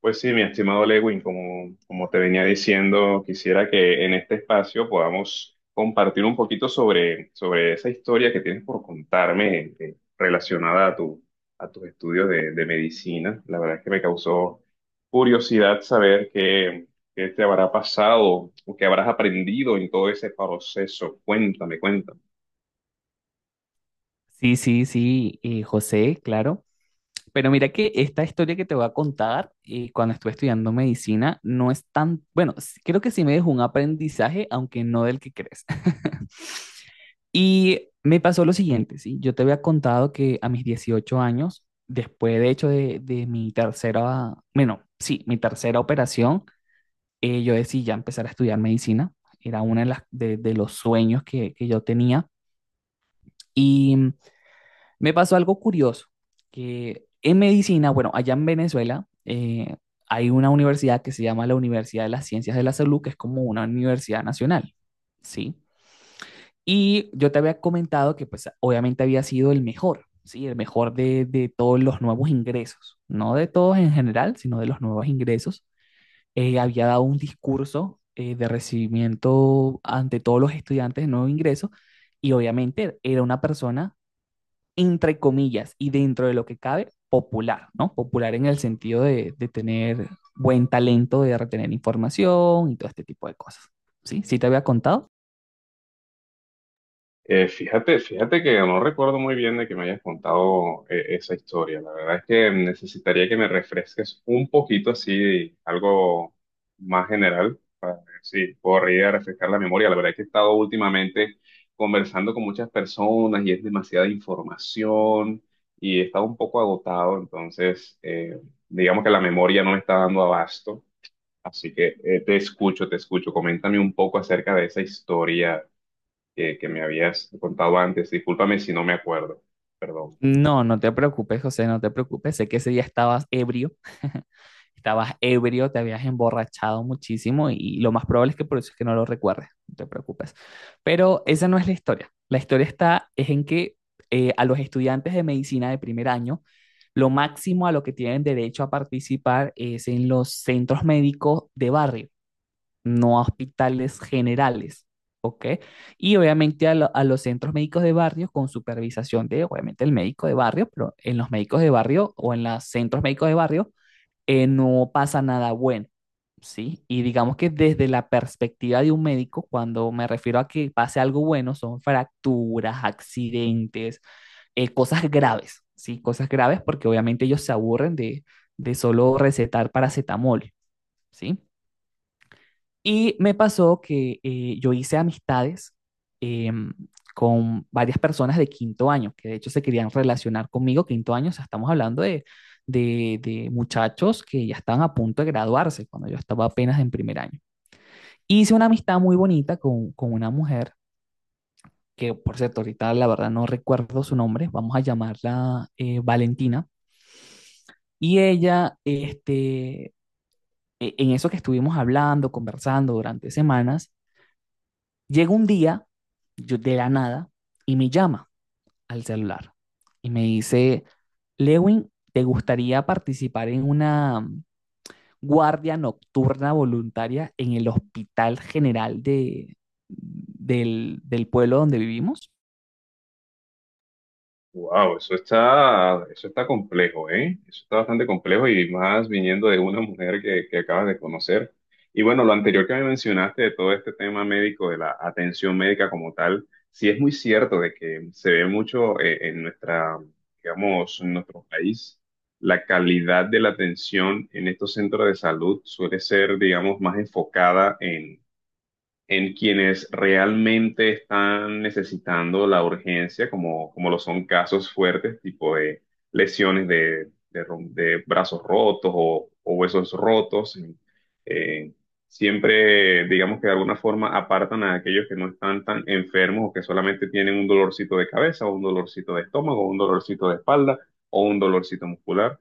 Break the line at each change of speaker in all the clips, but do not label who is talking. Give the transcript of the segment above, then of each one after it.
Pues sí, mi estimado Lewin, como te venía diciendo, quisiera que en este espacio podamos compartir un poquito sobre esa historia que tienes por contarme relacionada a tu, a tus estudios de medicina. La verdad es que me causó curiosidad saber qué te habrá pasado o qué habrás aprendido en todo ese proceso. Cuéntame, cuéntame.
Sí, sí, sí, José, claro. Pero mira que esta historia que te voy a contar, cuando estuve estudiando medicina, no es tan, bueno, creo que sí me dejó un aprendizaje, aunque no del que crees. Y me pasó lo siguiente, ¿sí? Yo te había contado que a mis 18 años, después de hecho de mi tercera operación, yo decidí ya empezar a estudiar medicina. Era uno de los sueños que yo tenía. Y me pasó algo curioso, que en medicina, bueno, allá en Venezuela, hay una universidad que se llama la Universidad de las Ciencias de la Salud, que es como una universidad nacional, ¿sí? Y yo te había comentado que pues obviamente había sido el mejor, ¿sí? El mejor de todos los nuevos ingresos, no de todos en general, sino de los nuevos ingresos. Había dado un discurso, de recibimiento ante todos los estudiantes de nuevo ingreso, y obviamente era una persona, entre comillas y dentro de lo que cabe, popular, ¿no? Popular en el sentido de tener buen talento, de retener información y todo este tipo de cosas. ¿Sí? ¿Sí te había contado?
Fíjate que no recuerdo muy bien de que me hayas contado esa historia. La verdad es que necesitaría que me refresques un poquito así, algo más general, para ver si puedo ir a refrescar la memoria. La verdad es que he estado últimamente conversando con muchas personas y es demasiada información y he estado un poco agotado, entonces digamos que la memoria no me está dando abasto. Así que te escucho, te escucho. Coméntame un poco acerca de esa historia que me habías contado antes. Discúlpame si no me acuerdo. Perdón.
No, no te preocupes, José, no te preocupes. Sé que ese día estabas ebrio, te habías emborrachado muchísimo y lo más probable es que por eso es que no lo recuerdes, no te preocupes. Pero esa no es la historia. La historia está es en que, a los estudiantes de medicina de primer año, lo máximo a lo que tienen derecho a participar es en los centros médicos de barrio, no a hospitales generales. ¿Ok? Y obviamente a los centros médicos de barrio con supervisación de, obviamente, el médico de barrio, pero en los médicos de barrio o en los centros médicos de barrio, no pasa nada bueno, ¿sí? Y digamos que desde la perspectiva de un médico, cuando me refiero a que pase algo bueno, son fracturas, accidentes, cosas graves, ¿sí? Cosas graves porque obviamente ellos se aburren de solo recetar paracetamol, ¿sí? Y me pasó que, yo hice amistades, em, con varias personas de quinto año, que de hecho se querían relacionar conmigo. Quinto año, o sea, estamos hablando de muchachos que ya estaban a punto de graduarse cuando yo estaba apenas en primer año. Hice una amistad muy bonita con una mujer, que por cierto, ahorita la verdad no recuerdo su nombre, vamos a llamarla, Valentina, y ella, en eso que estuvimos hablando, conversando durante semanas, llega un día, yo de la nada, y me llama al celular y me dice, Lewin, ¿te gustaría participar en una guardia nocturna voluntaria en el Hospital General del pueblo donde vivimos?
Wow, eso está complejo, ¿eh? Eso está bastante complejo y más viniendo de una mujer que acabas de conocer. Y bueno, lo anterior que me mencionaste de todo este tema médico, de la atención médica como tal, sí es muy cierto de que se ve mucho en nuestra, digamos, en nuestro país, la calidad de la atención en estos centros de salud suele ser, digamos, más enfocada en quienes realmente están necesitando la urgencia, como lo son casos fuertes, tipo de lesiones de brazos rotos o huesos rotos. eh, siempre, digamos que de alguna forma apartan a aquellos que no están tan enfermos o que solamente tienen un dolorcito de cabeza o un dolorcito de estómago o un dolorcito de espalda o un dolorcito muscular.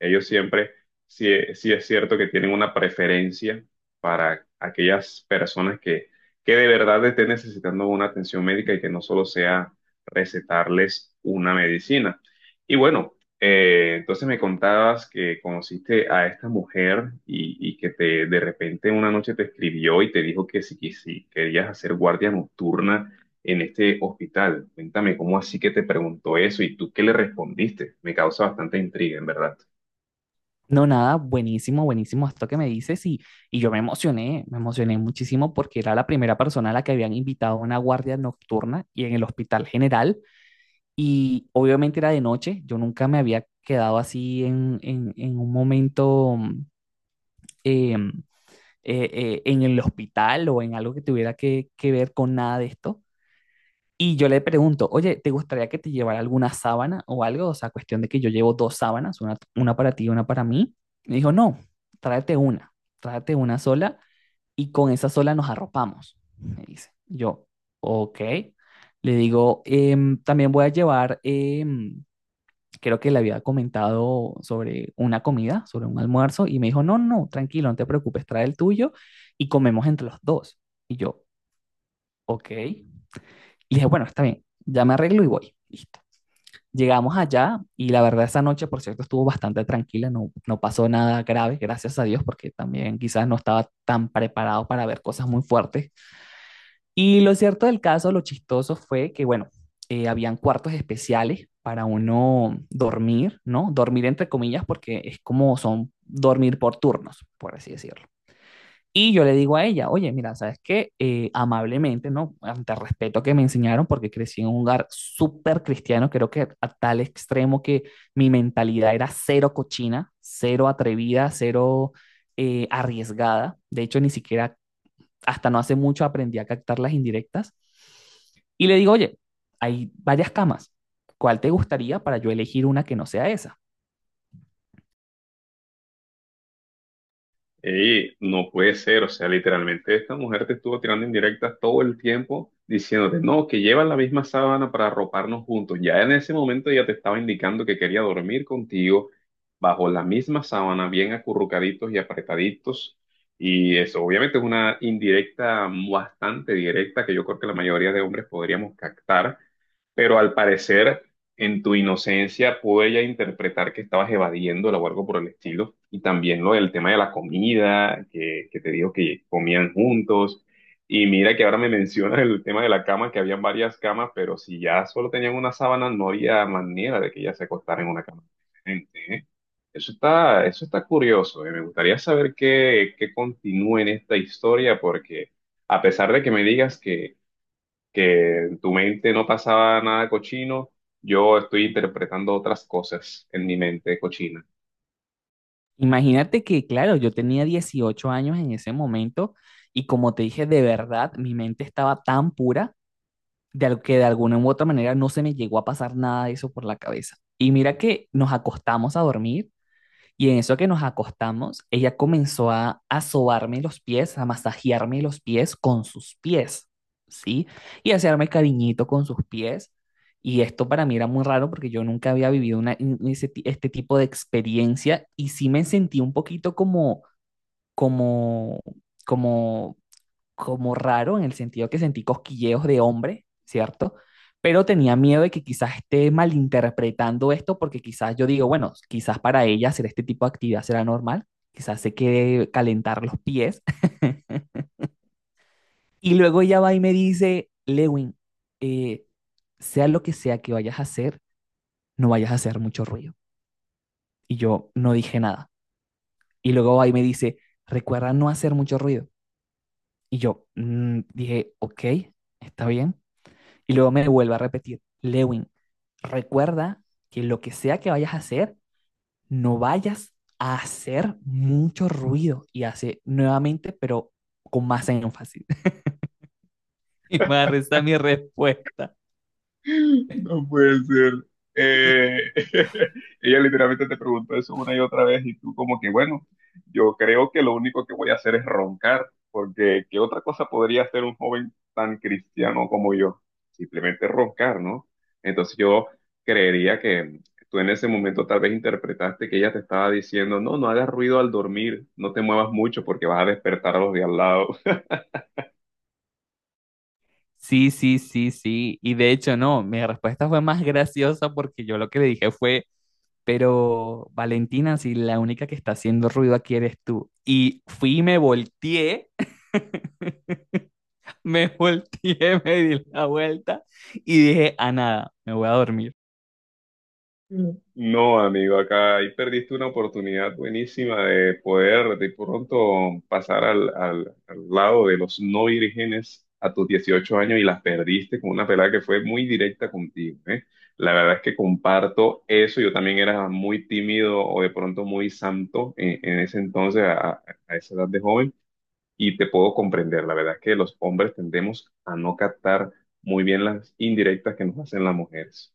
Ellos siempre, sí, sí es cierto que tienen una preferencia para aquellas personas que de verdad estén necesitando una atención médica y que no solo sea recetarles una medicina. Y bueno, entonces me contabas que conociste a esta mujer y que te, de repente una noche te escribió y te dijo que si querías hacer guardia nocturna en este hospital. Cuéntame, ¿cómo así que te preguntó eso y tú qué le respondiste? Me causa bastante intriga, en verdad.
No, nada, buenísimo, buenísimo esto que me dices, y yo me emocioné muchísimo porque era la primera persona a la que habían invitado a una guardia nocturna y en el hospital general. Y obviamente era de noche, yo nunca me había quedado así en un momento, em, en el hospital o en algo que tuviera que ver con nada de esto. Y yo le pregunto, oye, ¿te gustaría que te llevara alguna sábana o algo? O sea, cuestión de que yo llevo dos sábanas, una para ti y una para mí. Me dijo, no, tráete una, tráete una sola, y con esa sola nos arropamos, me dice. Yo, ok. Le digo, "También voy a llevar, creo que le había comentado, sobre una comida, sobre un almuerzo, y me dijo, no, no, no, tranquilo, no te preocupes, trae el tuyo y comemos entre los dos. Y yo, ok. Y dije, bueno, está bien, ya me arreglo y voy. Listo. Llegamos allá y la verdad esa noche, por cierto, estuvo bastante tranquila, no, no pasó nada grave, gracias a Dios, porque también quizás no estaba tan preparado para ver cosas muy fuertes, y lo cierto del caso, lo chistoso fue que, bueno, habían cuartos especiales para uno dormir, ¿no? Dormir entre comillas, porque es como son dormir por turnos, por así decirlo. Y yo le digo a ella, oye, mira, ¿sabes qué? Amablemente, ¿no? Ante el respeto que me enseñaron, porque crecí en un hogar súper cristiano, creo que a tal extremo que mi mentalidad era cero cochina, cero atrevida, cero, arriesgada. De hecho, ni siquiera hasta no hace mucho aprendí a captar las indirectas. Y le digo, oye, hay varias camas. ¿Cuál te gustaría para yo elegir una que no sea esa?
Ey, no puede ser, o sea, literalmente esta mujer te estuvo tirando indirectas todo el tiempo diciéndote, no, que llevan la misma sábana para arroparnos juntos. Ya en ese momento ya te estaba indicando que quería dormir contigo bajo la misma sábana, bien acurrucaditos y apretaditos. Y eso obviamente es una indirecta bastante directa que yo creo que la mayoría de hombres podríamos captar. Pero al parecer, en tu inocencia, pude ella interpretar que estabas evadiéndola o algo por el estilo. Y también lo del tema de la comida, que te dijo que comían juntos. Y mira que ahora me mencionas el tema de la cama, que habían varias camas, pero si ya solo tenían una sábana, no había manera de que ella se acostara en una cama diferente, ¿eh? Eso está curioso. Eh. Me gustaría saber qué continúa en esta historia, porque a pesar de que me digas que en tu mente no pasaba nada cochino, yo estoy interpretando otras cosas en mi mente cochina.
Imagínate que, claro, yo tenía 18 años en ese momento, y como te dije, de verdad, mi mente estaba tan pura que de alguna u otra manera no se me llegó a pasar nada de eso por la cabeza. Y mira que nos acostamos a dormir. Y en eso que nos acostamos, ella comenzó a sobarme los pies, a masajearme los pies con sus pies, ¿sí? Y a hacerme cariñito con sus pies. Y esto para mí era muy raro porque yo nunca había vivido una, un- ese ti- este tipo de experiencia, y sí me sentí un poquito como, como, como raro, en el sentido que sentí cosquilleos de hombre, ¿cierto? Pero tenía miedo de que quizás esté malinterpretando esto porque quizás yo digo, bueno, quizás para ella hacer este tipo de actividad será normal, quizás se quede calentar los pies. Y luego ella va y me dice, Lewin, eh, sea lo que sea que vayas a hacer, no vayas a hacer mucho ruido. Y yo no dije nada. Y luego va y me dice, recuerda no hacer mucho ruido. Y yo, dije, ok, está bien. Y luego me vuelve a repetir, Lewin, recuerda que lo que sea que vayas a hacer, no vayas a hacer mucho ruido. Y hace nuevamente, pero con más énfasis. Y me resta mi respuesta.
No puede ser. Eh, ella literalmente te preguntó eso una y otra vez y tú como que, bueno, yo creo que lo único que voy a hacer es roncar, porque ¿qué otra cosa podría hacer un joven tan cristiano como yo? Simplemente roncar, ¿no? Entonces yo creería que tú en ese momento tal vez interpretaste que ella te estaba diciendo, no, no hagas ruido al dormir, no te muevas mucho porque vas a despertar a los de al lado.
Sí, sí, sí, sí. Y de hecho, no, mi respuesta fue más graciosa porque yo lo que le dije fue, pero Valentina, si la única que está haciendo ruido aquí eres tú. Y fui y me volteé, me volteé, me di la vuelta y dije, a nada, me voy a dormir.
No, amigo, acá ahí perdiste una oportunidad buenísima de poder de pronto pasar al, al lado de los no vírgenes a tus 18 años y las perdiste con una pelada que fue muy directa contigo, ¿eh? La verdad es que comparto eso, yo también era muy tímido o de pronto muy santo en ese entonces, a esa edad de joven, y te puedo comprender, la verdad es que los hombres tendemos a no captar muy bien las indirectas que nos hacen las mujeres.